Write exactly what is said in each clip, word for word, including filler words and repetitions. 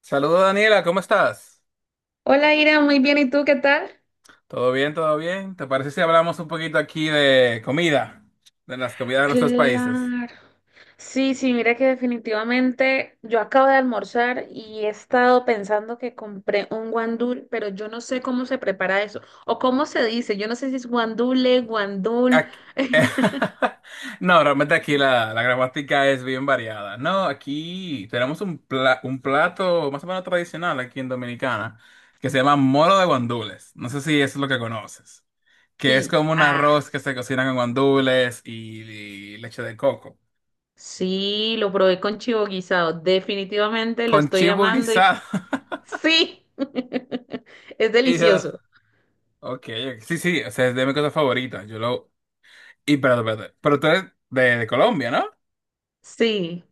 Saludos, Daniela, ¿cómo estás? Hola Ira, muy bien, ¿y tú qué tal? ¿Todo bien, todo bien? ¿Te parece si hablamos un poquito aquí de comida? De las comidas de nuestros países. Claro. Sí, sí, mira que definitivamente yo acabo de almorzar y he estado pensando que compré un guandul, pero yo no sé cómo se prepara eso o cómo se dice, yo no sé si es guandule, guandul. Ac- No, realmente aquí la, la gramática es bien variada. No, aquí tenemos un, pla- un plato más o menos tradicional aquí en Dominicana que se llama moro de guandules. No sé si eso es lo que conoces. Que es Sí, como un ah, arroz que se cocina con guandules y, y leche de coco. sí, lo probé con chivo guisado, definitivamente lo Con estoy chivo amando y guisado. sí, es Y, delicioso. Ok, ok. Sí, sí, o sea, es de mi cosa favorita. Yo lo. Y perdón, perdón. Pero tú eres de, de Colombia, ¿no? Sí.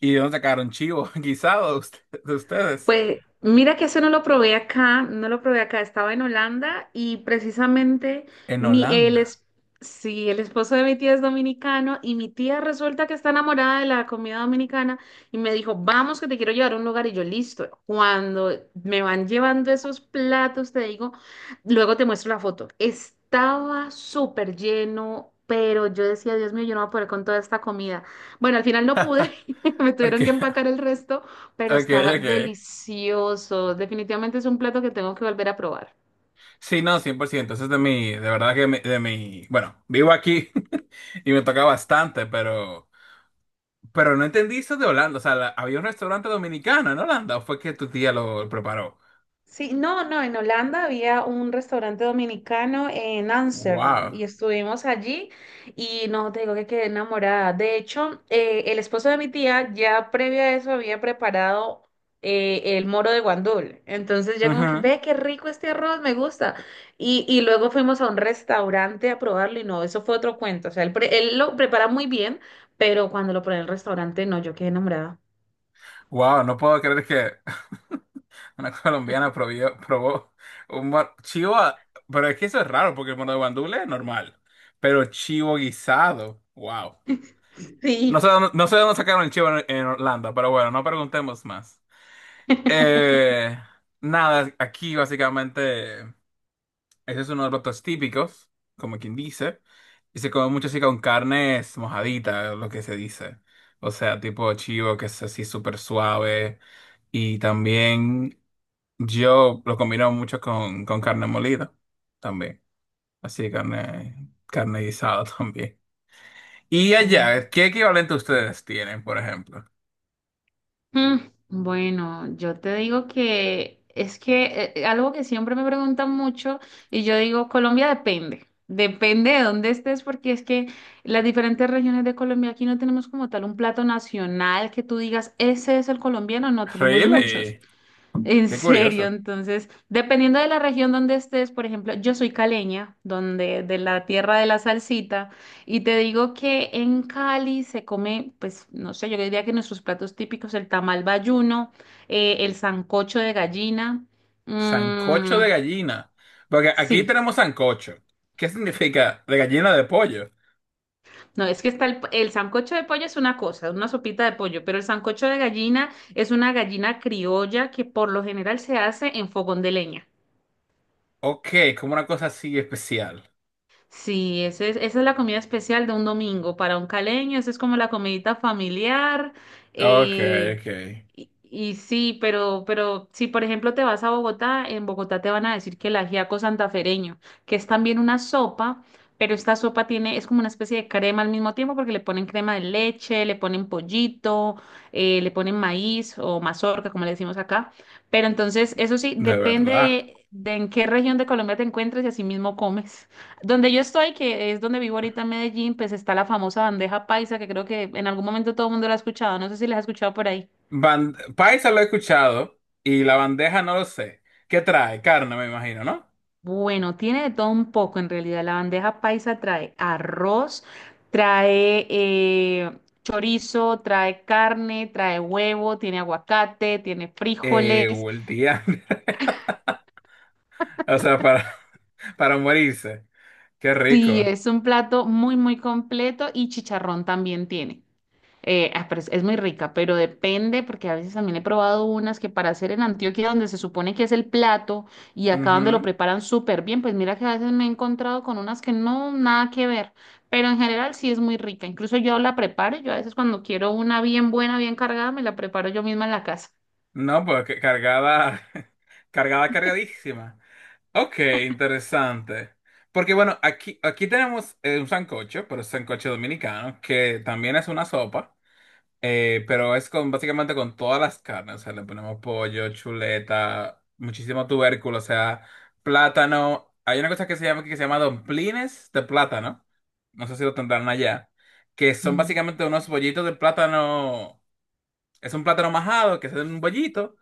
¿Y de dónde sacaron chivo guisado de usted- de ustedes? Pues mira que eso no lo probé acá, no lo probé acá, estaba en Holanda y precisamente En mi, él Holanda. es, sí, el esposo de mi tía es dominicano y mi tía resulta que está enamorada de la comida dominicana y me dijo, vamos que te quiero llevar a un lugar y yo listo. Cuando me van llevando esos platos, te digo, luego te muestro la foto. Estaba súper lleno. Pero yo decía, Dios mío, yo no voy a poder con toda esta comida. Bueno, al final no pude, me Ok, tuvieron que empacar el resto, pero ok, estaba ok. delicioso. Definitivamente es un plato que tengo que volver a probar. Sí, no, cien por ciento. Eso es de mi. De verdad que mi- de mi. Bueno, vivo aquí y me toca bastante, pero. Pero no entendí eso de Holanda. O sea, la- había un restaurante dominicano en Holanda, ¿o fue que tu tía lo preparó? Sí, no, no, en Holanda había un restaurante dominicano en Ámsterdam Wow. y estuvimos allí y no te digo que quedé enamorada. De hecho, eh, el esposo de mi tía ya previo a eso había preparado eh, el moro de guandul. Entonces ya como que, Ujú. ve qué rico este arroz, me gusta. Y, y luego fuimos a un restaurante a probarlo y no, eso fue otro cuento. O sea, él, pre- él lo prepara muy bien, pero cuando lo probé en el restaurante, no, yo quedé enamorada. Wow, no puedo creer que. Una colombiana probió- probó un mor- chivo, a- pero es que eso es raro porque el mono de guandule es normal, pero chivo guisado, wow. No sé Sí. dónde, no sé dónde sacaron el chivo en, en Orlando, pero bueno, no preguntemos más. Eh, Nada, aquí básicamente. Ese es uno de los platos típicos, como quien dice. Y se come mucho así con carnes mojaditas, lo que se dice. O sea, tipo chivo, que es así súper suave. Y también yo lo combino mucho con, con carne molida, también. Así carne, carne guisada también. Y Oh. allá, ¿qué equivalente ustedes tienen, por ejemplo? Mm, Bueno, yo te digo que es que eh, algo que siempre me preguntan mucho y yo digo, Colombia depende, depende de dónde estés porque es que las diferentes regiones de Colombia aquí no tenemos como tal un plato nacional que tú digas, ese es el colombiano, no tenemos Really, muchos. En qué serio, curioso. entonces, dependiendo de la región donde estés, por ejemplo, yo soy caleña, donde de la tierra de la salsita, y te digo que en Cali se come, pues, no sé, yo diría que nuestros platos típicos, el tamal bayuno, eh, el sancocho de gallina, Sancocho mm, de gallina. Porque aquí sí, tenemos sancocho. ¿Qué significa de gallina de pollo? no, es que está el, el sancocho de pollo es una cosa, una sopita de pollo, pero el sancocho de gallina es una gallina criolla que por lo general se hace en fogón de leña. Ok, como una cosa así especial. Sí, ese es- esa es la comida especial de un domingo. Para un caleño, esa es como la comidita familiar. Ok, eh, ok. y, y sí, pero, pero si por ejemplo te vas a Bogotá, en Bogotá te van a decir que el ajiaco santafereño, que es también una sopa, pero esta sopa tiene, es como una especie de crema al mismo tiempo, porque le ponen crema de leche, le ponen pollito, eh, le ponen maíz o mazorca, como le decimos acá. Pero entonces, eso sí, De depende verdad. de, de en qué región de Colombia te encuentres y así mismo comes. Donde yo estoy, que es donde vivo ahorita en Medellín, pues está la famosa bandeja paisa, que creo que en algún momento todo el mundo la ha escuchado. No sé si la has escuchado por ahí. Ban- Paisa lo he escuchado y la bandeja no lo sé. ¿Qué trae? Carne, me imagino, ¿no? Bueno, tiene de todo un poco en realidad. La bandeja paisa trae arroz, trae eh, chorizo, trae carne, trae huevo, tiene aguacate, tiene Eh, frijoles. o el día. O sea, para, para morirse. Qué Sí, rico. es un plato muy, muy completo y chicharrón también tiene. Eh, ah, pero es, es muy rica, pero depende, porque a veces también he probado unas que para hacer en Antioquia, donde se supone que es el plato, y acá donde lo Ujú. preparan súper bien, pues mira que a veces me he encontrado con unas que no, nada que ver, pero en general sí es muy rica. Incluso yo la preparo, yo a veces cuando quiero una bien buena, bien cargada, me la preparo yo misma en la casa. No, pues que- cargada, cargada, cargadísima. Ok, interesante. Porque bueno, aquí, aquí tenemos eh, un sancocho, pero es sancocho dominicano, que también es una sopa. Eh, pero es con básicamente con todas las carnes, o sea, le ponemos pollo, chuleta, muchísimo tubérculo, o sea, plátano. Hay una cosa que se llama que se llama domplines de plátano. No sé si lo tendrán allá, que son Mm. básicamente unos bollitos de plátano. Es un plátano majado que se hace en un bollito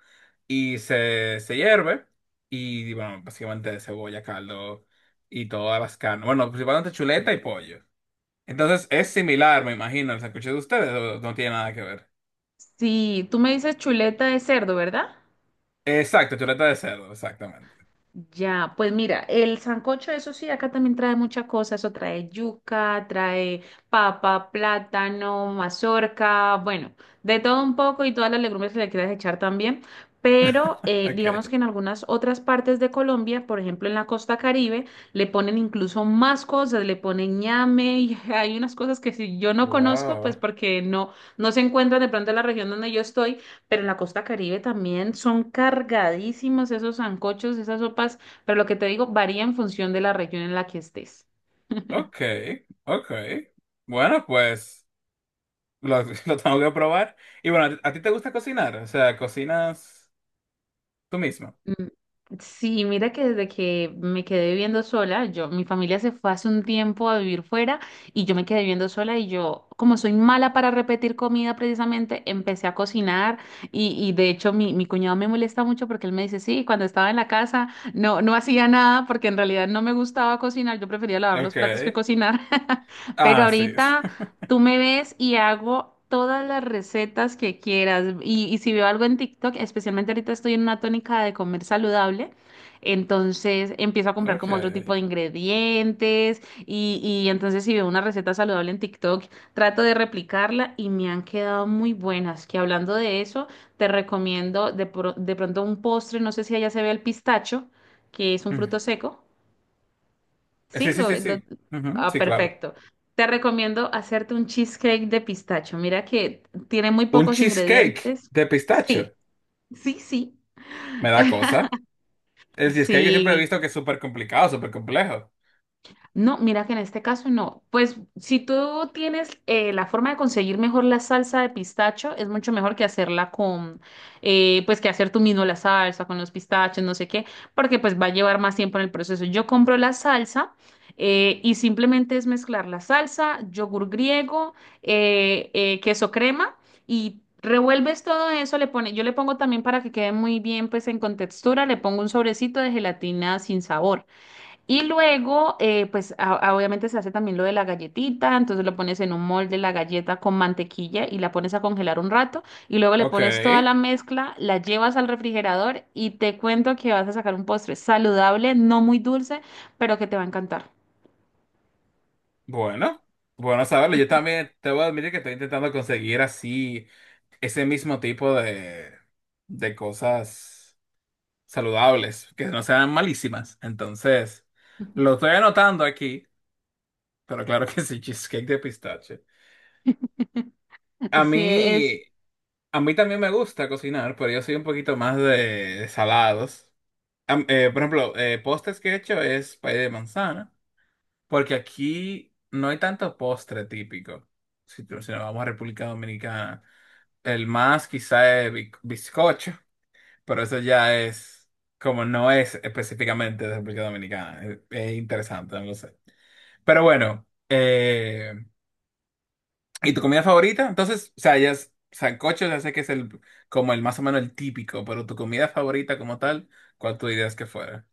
y se, se hierve y bueno, básicamente de cebolla, caldo y todas las carnes. Bueno, principalmente chuleta y pollo. Entonces es similar, me imagino, el sancocho de ustedes, o no tiene nada que ver. Sí, tú me dices chuleta de cerdo, ¿verdad? Exacto, chuleta de cerdo, exactamente. Ya, pues mira, el sancocho, eso sí, acá también trae muchas cosas, eso trae yuca, trae papa, plátano, mazorca, bueno, de todo un poco y todas las legumbres que le quieras echar también, pero eh, Ok. digamos que en algunas otras partes de Colombia, por ejemplo en la costa Caribe, le ponen incluso más cosas, le ponen ñame y hay unas cosas que si yo no conozco, Wow. pues porque no, no se encuentran de pronto en la región donde yo estoy, pero en la costa Caribe también son cargadísimos esos sancochos, esas sopas, pero lo que te digo varía en función de la región en la que estés. Ok, ok. Bueno, pues lo, lo tengo que probar. Y bueno, ¿a ti, a ti te gusta cocinar? O sea, ¿cocinas tú mismo? Mm, Sí, mira que desde que me quedé viviendo sola, yo, mi familia se fue hace un tiempo a vivir fuera y yo me quedé viviendo sola y yo, como soy mala para repetir comida precisamente, empecé a cocinar y, y de hecho mi, mi cuñado me molesta mucho porque él me dice, sí, cuando estaba en la casa no, no hacía nada porque en realidad no me gustaba cocinar, yo prefería lavar los Ok. platos que cocinar, pero Ah, sí. ahorita... Tú me ves y hago todas las recetas que quieras. Y, y si veo algo en TikTok, especialmente ahorita estoy en una tónica de comer saludable, entonces empiezo a comprar Ok. como otro tipo de ingredientes y, y entonces si veo una receta saludable en TikTok, trato de replicarla y me han quedado muy buenas. Que hablando de eso, te recomiendo de, pro- de pronto un postre, no sé si allá se ve el pistacho, que es un Mm. fruto seco. Sí, Sí, sí, lo, sí, lo- sí. Ujú, Ah, sí, claro. perfecto. Te recomiendo hacerte un cheesecake de pistacho. Mira que tiene muy Un pocos cheesecake ingredientes. de pistacho. Sí, sí, sí. Me da cosa. El cheesecake siempre he Sí. visto que es súper complicado, súper complejo. No, mira que en este caso no. Pues si tú tienes eh, la forma de conseguir mejor la salsa de pistacho, es mucho mejor que hacerla con, eh, pues que hacer tú mismo la salsa con los pistachos, no sé qué, porque pues va a llevar más tiempo en el proceso. Yo compro la salsa eh, y simplemente es mezclar la salsa, yogur griego, eh, eh, queso crema y revuelves todo eso. Le pone, yo le pongo también para que quede muy bien, pues en contextura, le pongo un sobrecito de gelatina sin sabor. Y luego, eh, pues a- a- obviamente se hace también lo de la galletita, entonces lo pones en un molde la galleta con mantequilla y la pones a congelar un rato y luego le Ok. pones toda la mezcla, la llevas al refrigerador y te cuento que vas a sacar un postre saludable, no muy dulce, pero que te va a encantar. Bueno, bueno saberlo. Yo también te voy a admitir que estoy intentando conseguir así ese mismo tipo de, de cosas saludables, que no sean malísimas. Entonces, lo estoy anotando aquí, pero claro que sí, cheesecake de pistache. A Sí, es, mí, a mí también me gusta cocinar, pero yo soy un poquito más de salados. Am- eh, por ejemplo, eh, postres que he hecho es pay de manzana. Porque aquí no hay tanto postre típico. Si, tú- si nos vamos a República Dominicana, el más quizá es bi- bizcocho, pero eso ya es como no es específicamente de República Dominicana. Es, es interesante, no lo sé. Pero bueno, eh, ¿y tu comida favorita? Entonces, o sea, ya es sancocho, ya sé que es el como el más o menos el típico, pero tu comida favorita como tal, ¿cuál tú dirías que fuera?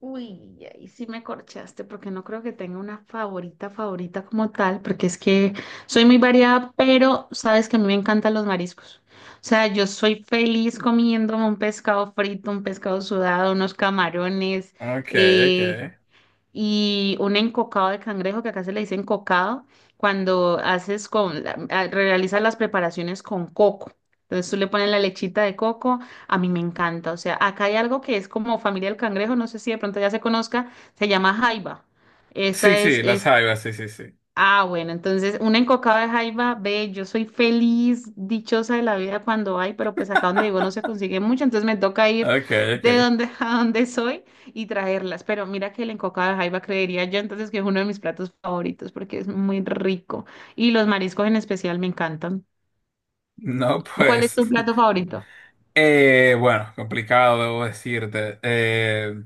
uy, ahí sí me corchaste porque no creo que tenga una favorita favorita como tal, porque es que soy muy variada, pero sabes que a mí me encantan los mariscos. O sea, yo soy feliz comiéndome un pescado frito, un pescado sudado, unos camarones, Ok, ok. eh, y un encocado de cangrejo, que acá se le dice encocado, cuando haces con, la- a- realizas las preparaciones con coco. Entonces tú le pones la lechita de coco, a mí me encanta. O sea, acá hay algo que es como familia del cangrejo, no sé si de pronto ya se conozca, se llama jaiba. Sí, Esta es, sí, las es jaivas, sí, sí, sí. Ah, bueno, entonces una encocada de jaiba, ve, yo soy feliz, dichosa de la vida cuando hay, pero pues acá donde vivo no se consigue mucho, entonces me toca ir Ok, ok. de donde a donde soy y traerlas. Pero mira que el encocado de jaiba creería yo entonces que es uno de mis platos favoritos porque es muy rico y los mariscos en especial me encantan. No, ¿Tú? ¿Cuál es pues, tu plato favorito? eh, bueno, complicado, debo decirte. Eh,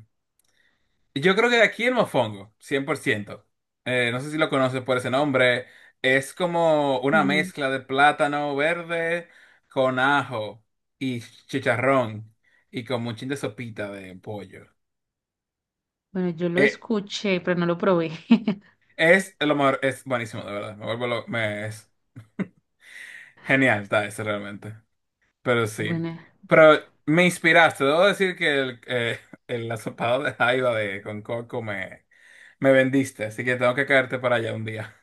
Yo creo que de aquí el mofongo, cien por ciento. Eh, no sé si lo conoces por ese nombre. Es como una Mm, mezcla de plátano verde con ajo y chicharrón y como un chin de sopita de pollo. bueno, yo lo Eh, escuché, pero no lo probé. es lo mejor, es buenísimo, de verdad. Me vuelvo lo- me, es genial, está ese realmente. Pero sí. Bueno, Pero me inspiraste. Debo decir que el, eh, el asopado de jaiba de con coco me, me vendiste. Así que tengo que caerte para allá un día.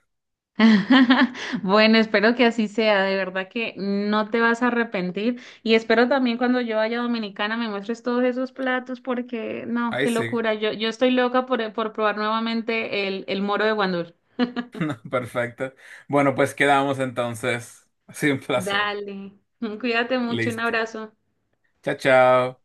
bueno, espero que así sea, de verdad que no te vas a arrepentir y espero también cuando yo vaya a Dominicana me muestres todos esos platos porque no, Ahí qué sí. locura, yo, yo estoy loca por, eh, por probar nuevamente el, el moro de Guandul. Perfecto. Bueno, pues quedamos entonces. Ha sido un placer. Dale, cuídate mucho, un Listo. abrazo. Chao, chao.